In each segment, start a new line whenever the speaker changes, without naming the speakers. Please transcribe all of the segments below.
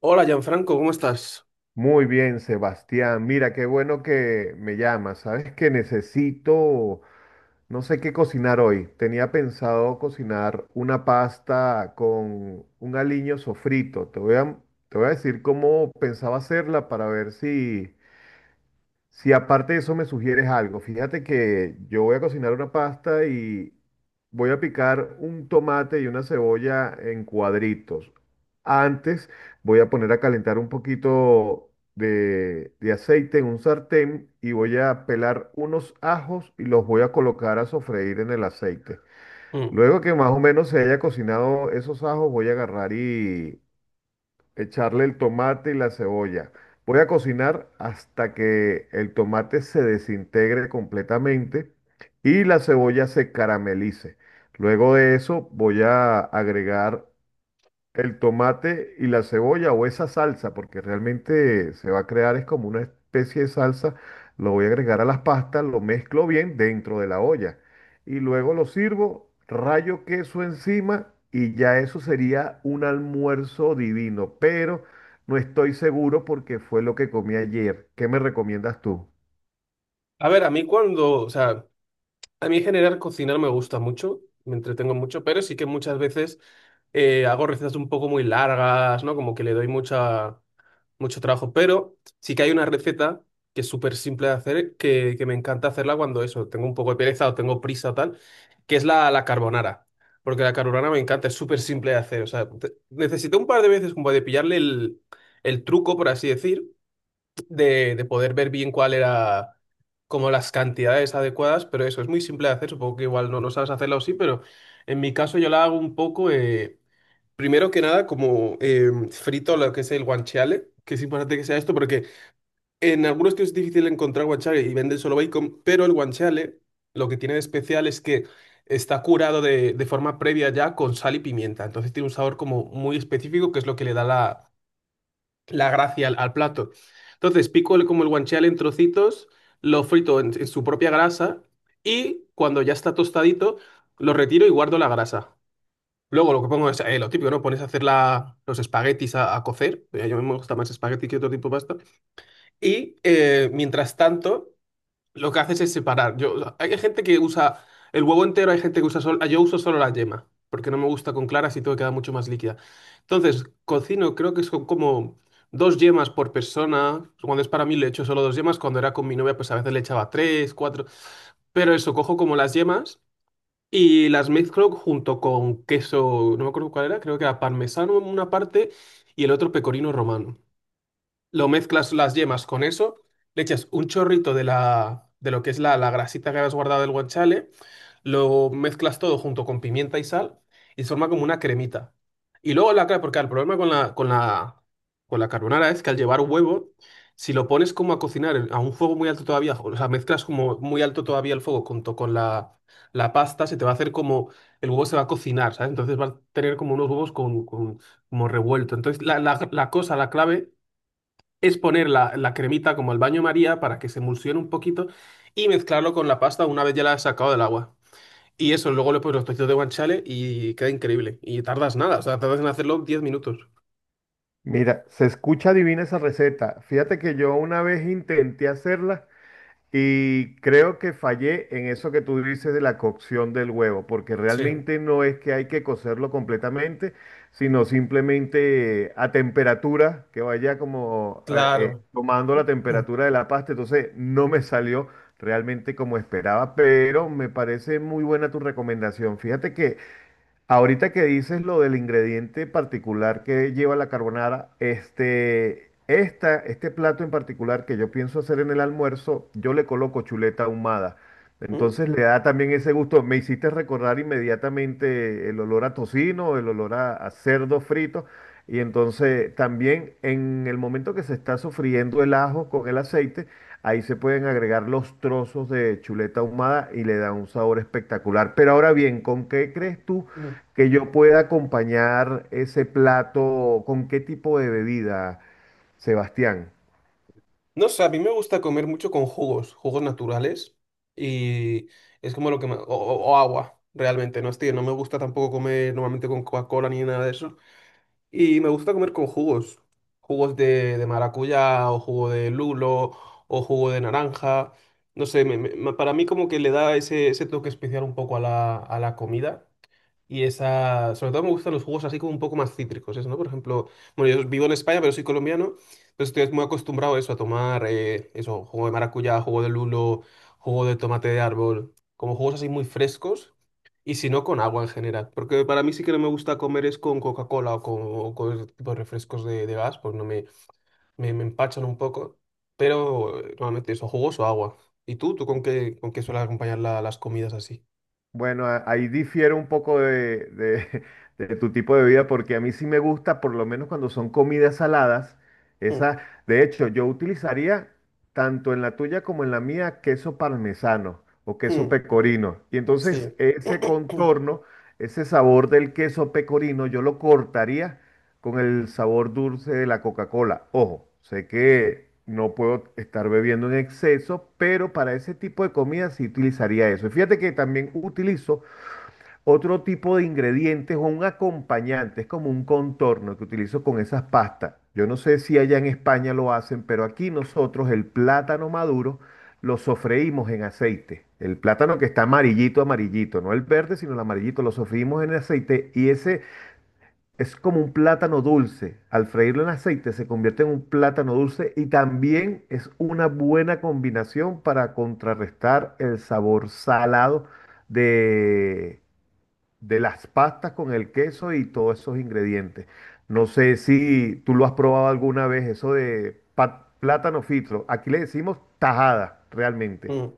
Hola, Gianfranco, ¿cómo estás?
Muy bien, Sebastián. Mira, qué bueno que me llamas. Sabes que necesito, no sé qué cocinar hoy. Tenía pensado cocinar una pasta con un aliño sofrito. Te voy a decir cómo pensaba hacerla para ver si, si aparte de eso me sugieres algo. Fíjate que yo voy a cocinar una pasta y voy a picar un tomate y una cebolla en cuadritos. Antes voy a poner a calentar un poquito de aceite en un sartén y voy a pelar unos ajos y los voy a colocar a sofreír en el aceite.
Mm.
Luego que más o menos se haya cocinado esos ajos, voy a agarrar y echarle el tomate y la cebolla. Voy a cocinar hasta que el tomate se desintegre completamente y la cebolla se caramelice. Luego de eso voy a agregar el tomate y la cebolla o esa salsa, porque realmente se va a crear es como una especie de salsa, lo voy a agregar a las pastas, lo mezclo bien dentro de la olla y luego lo sirvo, rayo queso encima y ya eso sería un almuerzo divino, pero no estoy seguro porque fue lo que comí ayer. ¿Qué me recomiendas tú?
A ver, a mí cuando, o sea, a mí en general cocinar me gusta mucho, me entretengo mucho, pero sí que muchas veces hago recetas un poco muy largas, ¿no? Como que le doy mucho trabajo, pero sí que hay una receta que es súper simple de hacer, que me encanta hacerla cuando eso, tengo un poco de pereza o tengo prisa o tal, que es la carbonara. Porque la carbonara me encanta, es súper simple de hacer. O sea, necesité un par de veces como de pillarle el truco, por así decir. De poder ver bien cuál era como las cantidades adecuadas, pero eso es muy simple de hacer, supongo que igual no, no sabes hacerlo sí, pero en mi caso yo la hago un poco, primero que nada como frito lo que es el guanciale, que es importante que sea esto, porque en algunos sitios es difícil encontrar guanciale y venden solo bacon, pero el guanciale lo que tiene de especial es que está curado de forma previa ya con sal y pimienta, entonces tiene un sabor como muy específico que es lo que le da la gracia al plato. Entonces, pico el, como el guanciale en trocitos, lo frito en su propia grasa, y cuando ya está tostadito, lo retiro y guardo la grasa. Luego lo que pongo es lo típico, ¿no? Pones a hacer los espaguetis a cocer. Yo me gusta más espagueti que otro tipo de pasta. Y mientras tanto, lo que haces es separar. Yo, hay gente que usa el huevo entero, hay gente que usa solo. Yo uso solo la yema, porque no me gusta con claras y todo queda mucho más líquida. Entonces, cocino, creo que son como dos yemas por persona. Cuando es para mí le echo solo dos yemas. Cuando era con mi novia, pues a veces le echaba tres, cuatro. Pero eso, cojo como las yemas y las mezclo junto con queso, no me acuerdo cuál era, creo que era parmesano en una parte y el otro pecorino romano, lo mezclas las yemas con eso, le echas un chorrito de de lo que es la grasita que habías guardado del guanciale, lo mezclas todo junto con pimienta y sal y se forma como una cremita. Y luego la clara, porque el problema con con la carbonara es que al llevar huevo, si lo pones como a cocinar a un fuego muy alto todavía, o sea, mezclas como muy alto todavía el fuego junto con la pasta, se te va a hacer como el huevo se va a cocinar, ¿sabes? Entonces va a tener como unos huevos con como revuelto. Entonces la cosa, la clave es poner la cremita como al baño María para que se emulsione un poquito y mezclarlo con la pasta una vez ya la has sacado del agua. Y eso, luego le pones los trocitos de guanciale y queda increíble. Y tardas nada, o sea, tardas en hacerlo diez minutos.
Mira, se escucha divina esa receta. Fíjate que yo una vez intenté hacerla, y creo que fallé en eso que tú dices de la cocción del huevo, porque
Sí,
realmente no es que hay que cocerlo completamente, sino simplemente a temperatura, que vaya como
claro.
tomando la
Mm,
temperatura de la pasta. Entonces no me salió realmente como esperaba, pero me parece muy buena tu recomendación. Fíjate que ahorita que dices lo del ingrediente particular que lleva la carbonara, este plato en particular que yo pienso hacer en el almuerzo, yo le coloco chuleta ahumada.
mm,
Entonces le da también ese gusto. Me hiciste recordar inmediatamente el olor a tocino, el olor a cerdo frito, y entonces también en el momento que se está sofriendo el ajo con el aceite, ahí se pueden agregar los trozos de chuleta ahumada y le da un sabor espectacular. Pero ahora bien, ¿con qué crees tú
mm.
que yo pueda acompañar ese plato? ¿Con qué tipo de bebida, Sebastián?
No sé, a mí me gusta comer mucho con jugos, jugos naturales y es como lo o, o agua, realmente, no estoy, no me gusta tampoco comer normalmente con Coca-Cola ni nada de eso. Y me gusta comer con jugos. Jugos de maracuyá o jugo de lulo o jugo de naranja. No sé, para mí como que le da ese, ese toque especial un poco a a la comida. Y esa, sobre todo me gustan los jugos así como un poco más cítricos, eso, ¿no? Por ejemplo, bueno, yo vivo en España, pero soy colombiano, entonces estoy muy acostumbrado a eso, a tomar eso, jugo de maracuyá, jugo de lulo, jugo de tomate de árbol, como jugos así muy frescos, y si no, con agua en general, porque para mí sí que no me gusta comer es con Coca-Cola o con ese tipo de refrescos de gas, pues no me empachan un poco, pero normalmente eso, jugos o agua. ¿Y tú? ¿Tú con qué sueles acompañar las comidas así?
Bueno, ahí difiere un poco de de tu tipo de vida, porque a mí sí me gusta, por lo menos cuando son comidas saladas,
Mm,
esa, de hecho, yo utilizaría tanto en la tuya como en la mía queso parmesano o queso
mm,
pecorino. Y entonces
sí.
ese contorno, ese sabor del queso pecorino, yo lo cortaría con el sabor dulce de la Coca-Cola. Ojo, sé que no puedo estar bebiendo en exceso, pero para ese tipo de comida sí utilizaría eso. Y fíjate que también utilizo otro tipo de ingredientes o un acompañante, es como un contorno que utilizo con esas pastas. Yo no sé si allá en España lo hacen, pero aquí nosotros el plátano maduro lo sofreímos en aceite. El plátano que está amarillito, amarillito, no el verde, sino el amarillito, lo sofreímos en aceite y ese es como un plátano dulce. Al freírlo en aceite se convierte en un plátano dulce y también es una buena combinación para contrarrestar el sabor salado de, de las pastas con el queso y todos esos ingredientes. No sé si tú lo has probado alguna vez, eso de plátano frito. Aquí le decimos tajada, realmente.
Mm.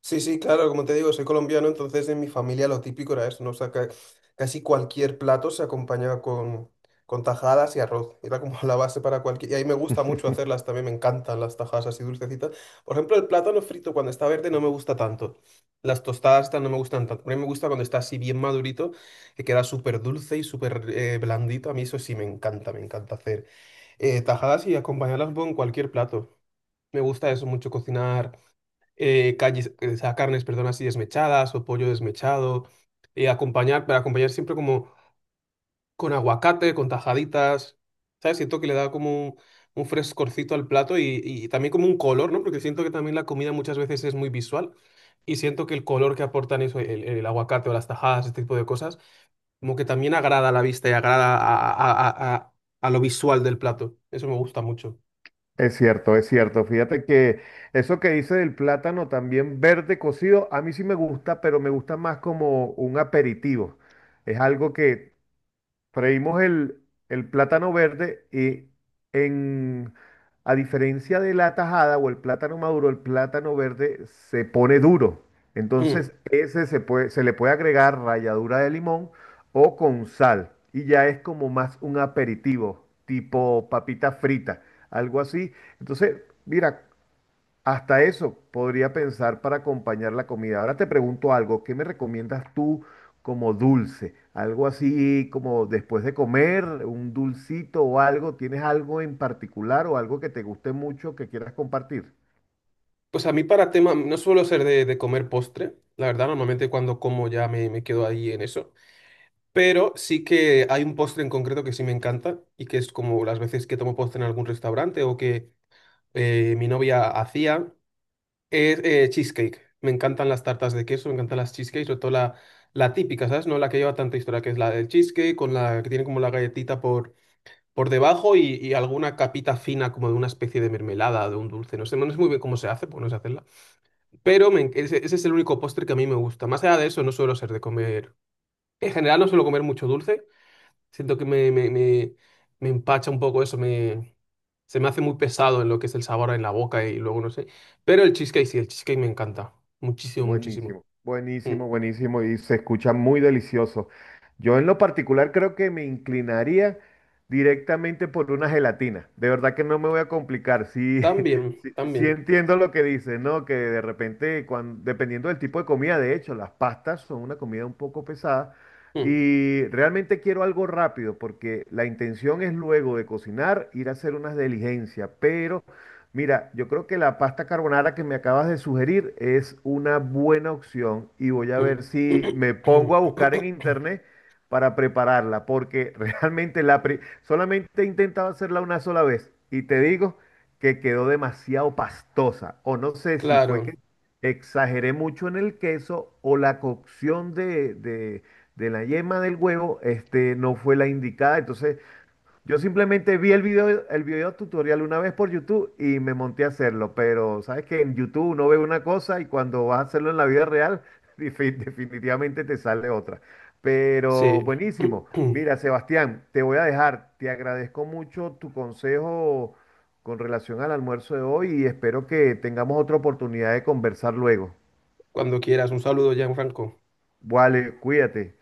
Sí, sí, claro, como te digo, soy colombiano, entonces en mi familia lo típico era eso, ¿no? O sea, casi cualquier plato se acompañaba con tajadas y arroz. Era como la base para cualquier... Y ahí me gusta mucho hacerlas también, me encantan las tajadas así dulcecitas. Por ejemplo, el plátano frito cuando está verde no me gusta tanto. Las tostadas estas no me gustan tanto. A mí me gusta cuando está así bien madurito, que queda súper dulce y súper blandito. A mí eso sí me encanta hacer tajadas y acompañarlas con cualquier plato. Me gusta eso mucho, cocinar o sea, carnes, perdón, así desmechadas o pollo desmechado, acompañar, para acompañar siempre como con aguacate, con tajaditas, ¿sabes? Siento que le da como un frescorcito al plato y también como un color, ¿no? Porque siento que también la comida muchas veces es muy visual y siento que el color que aportan eso, el aguacate o las tajadas, ese tipo de cosas, como que también agrada a la vista y agrada a lo visual del plato. Eso me gusta mucho.
Es cierto, es cierto. Fíjate que eso que dice del plátano también verde cocido, a mí sí me gusta, pero me gusta más como un aperitivo. Es algo que freímos el plátano verde y en, a diferencia de la tajada o el plátano maduro, el plátano verde se pone duro.
Hmm.
Entonces, ese se puede, se le puede agregar ralladura de limón o con sal. Y ya es como más un aperitivo, tipo papita frita, algo así. Entonces, mira, hasta eso podría pensar para acompañar la comida. Ahora te pregunto algo, ¿qué me recomiendas tú como dulce? Algo así como después de comer, un dulcito o algo. ¿Tienes algo en particular o algo que te guste mucho que quieras compartir?
Pues a mí para tema, no suelo ser de comer postre, la verdad, normalmente cuando como ya me quedo ahí en eso, pero sí que hay un postre en concreto que sí me encanta y que es como las veces que tomo postre en algún restaurante o que mi novia hacía, es cheesecake. Me encantan las tartas de queso, me encantan las cheesecakes, sobre todo la típica, ¿sabes? No la que lleva tanta historia, que es la del cheesecake, con la que tiene como la galletita por debajo y alguna capita fina como de una especie de mermelada, de un dulce, no sé, no sé muy bien cómo se hace, porque no sé hacerla, pero ese, ese es el único postre que a mí me gusta. Más allá de eso, no suelo ser de comer. En general, no suelo comer mucho dulce. Siento que me empacha un poco eso. Me, se me hace muy pesado en lo que es el sabor en la boca y luego no sé. Pero el cheesecake sí, el cheesecake me encanta. Muchísimo, muchísimo.
Buenísimo,
Mm.
buenísimo, buenísimo y se escucha muy delicioso. Yo en lo particular creo que me inclinaría directamente por una gelatina. De verdad que no me voy a complicar. Sí,
También,
sí, sí,
también.
entiendo lo que dices, ¿no? Que de repente, dependiendo del tipo de comida, de hecho, las pastas son una comida un poco pesada
Mm,
y realmente quiero algo rápido porque la intención es luego de cocinar ir a hacer unas diligencias, pero... Mira, yo creo que la pasta carbonara que me acabas de sugerir es una buena opción y voy a
mm.
ver si me pongo a buscar en internet para prepararla, porque realmente solamente he intentado hacerla una sola vez y te digo que quedó demasiado pastosa, o no sé si fue que
Claro,
exageré mucho en el queso o la cocción de la yema del huevo este, no fue la indicada, entonces... Yo simplemente vi el video tutorial una vez por YouTube y me monté a hacerlo, pero sabes que en YouTube uno ve una cosa y cuando vas a hacerlo en la vida real, definitivamente te sale otra. Pero
sí.
buenísimo. Mira, Sebastián, te voy a dejar. Te agradezco mucho tu consejo con relación al almuerzo de hoy y espero que tengamos otra oportunidad de conversar luego.
Cuando quieras, un saludo, Gianfranco.
Vale, cuídate.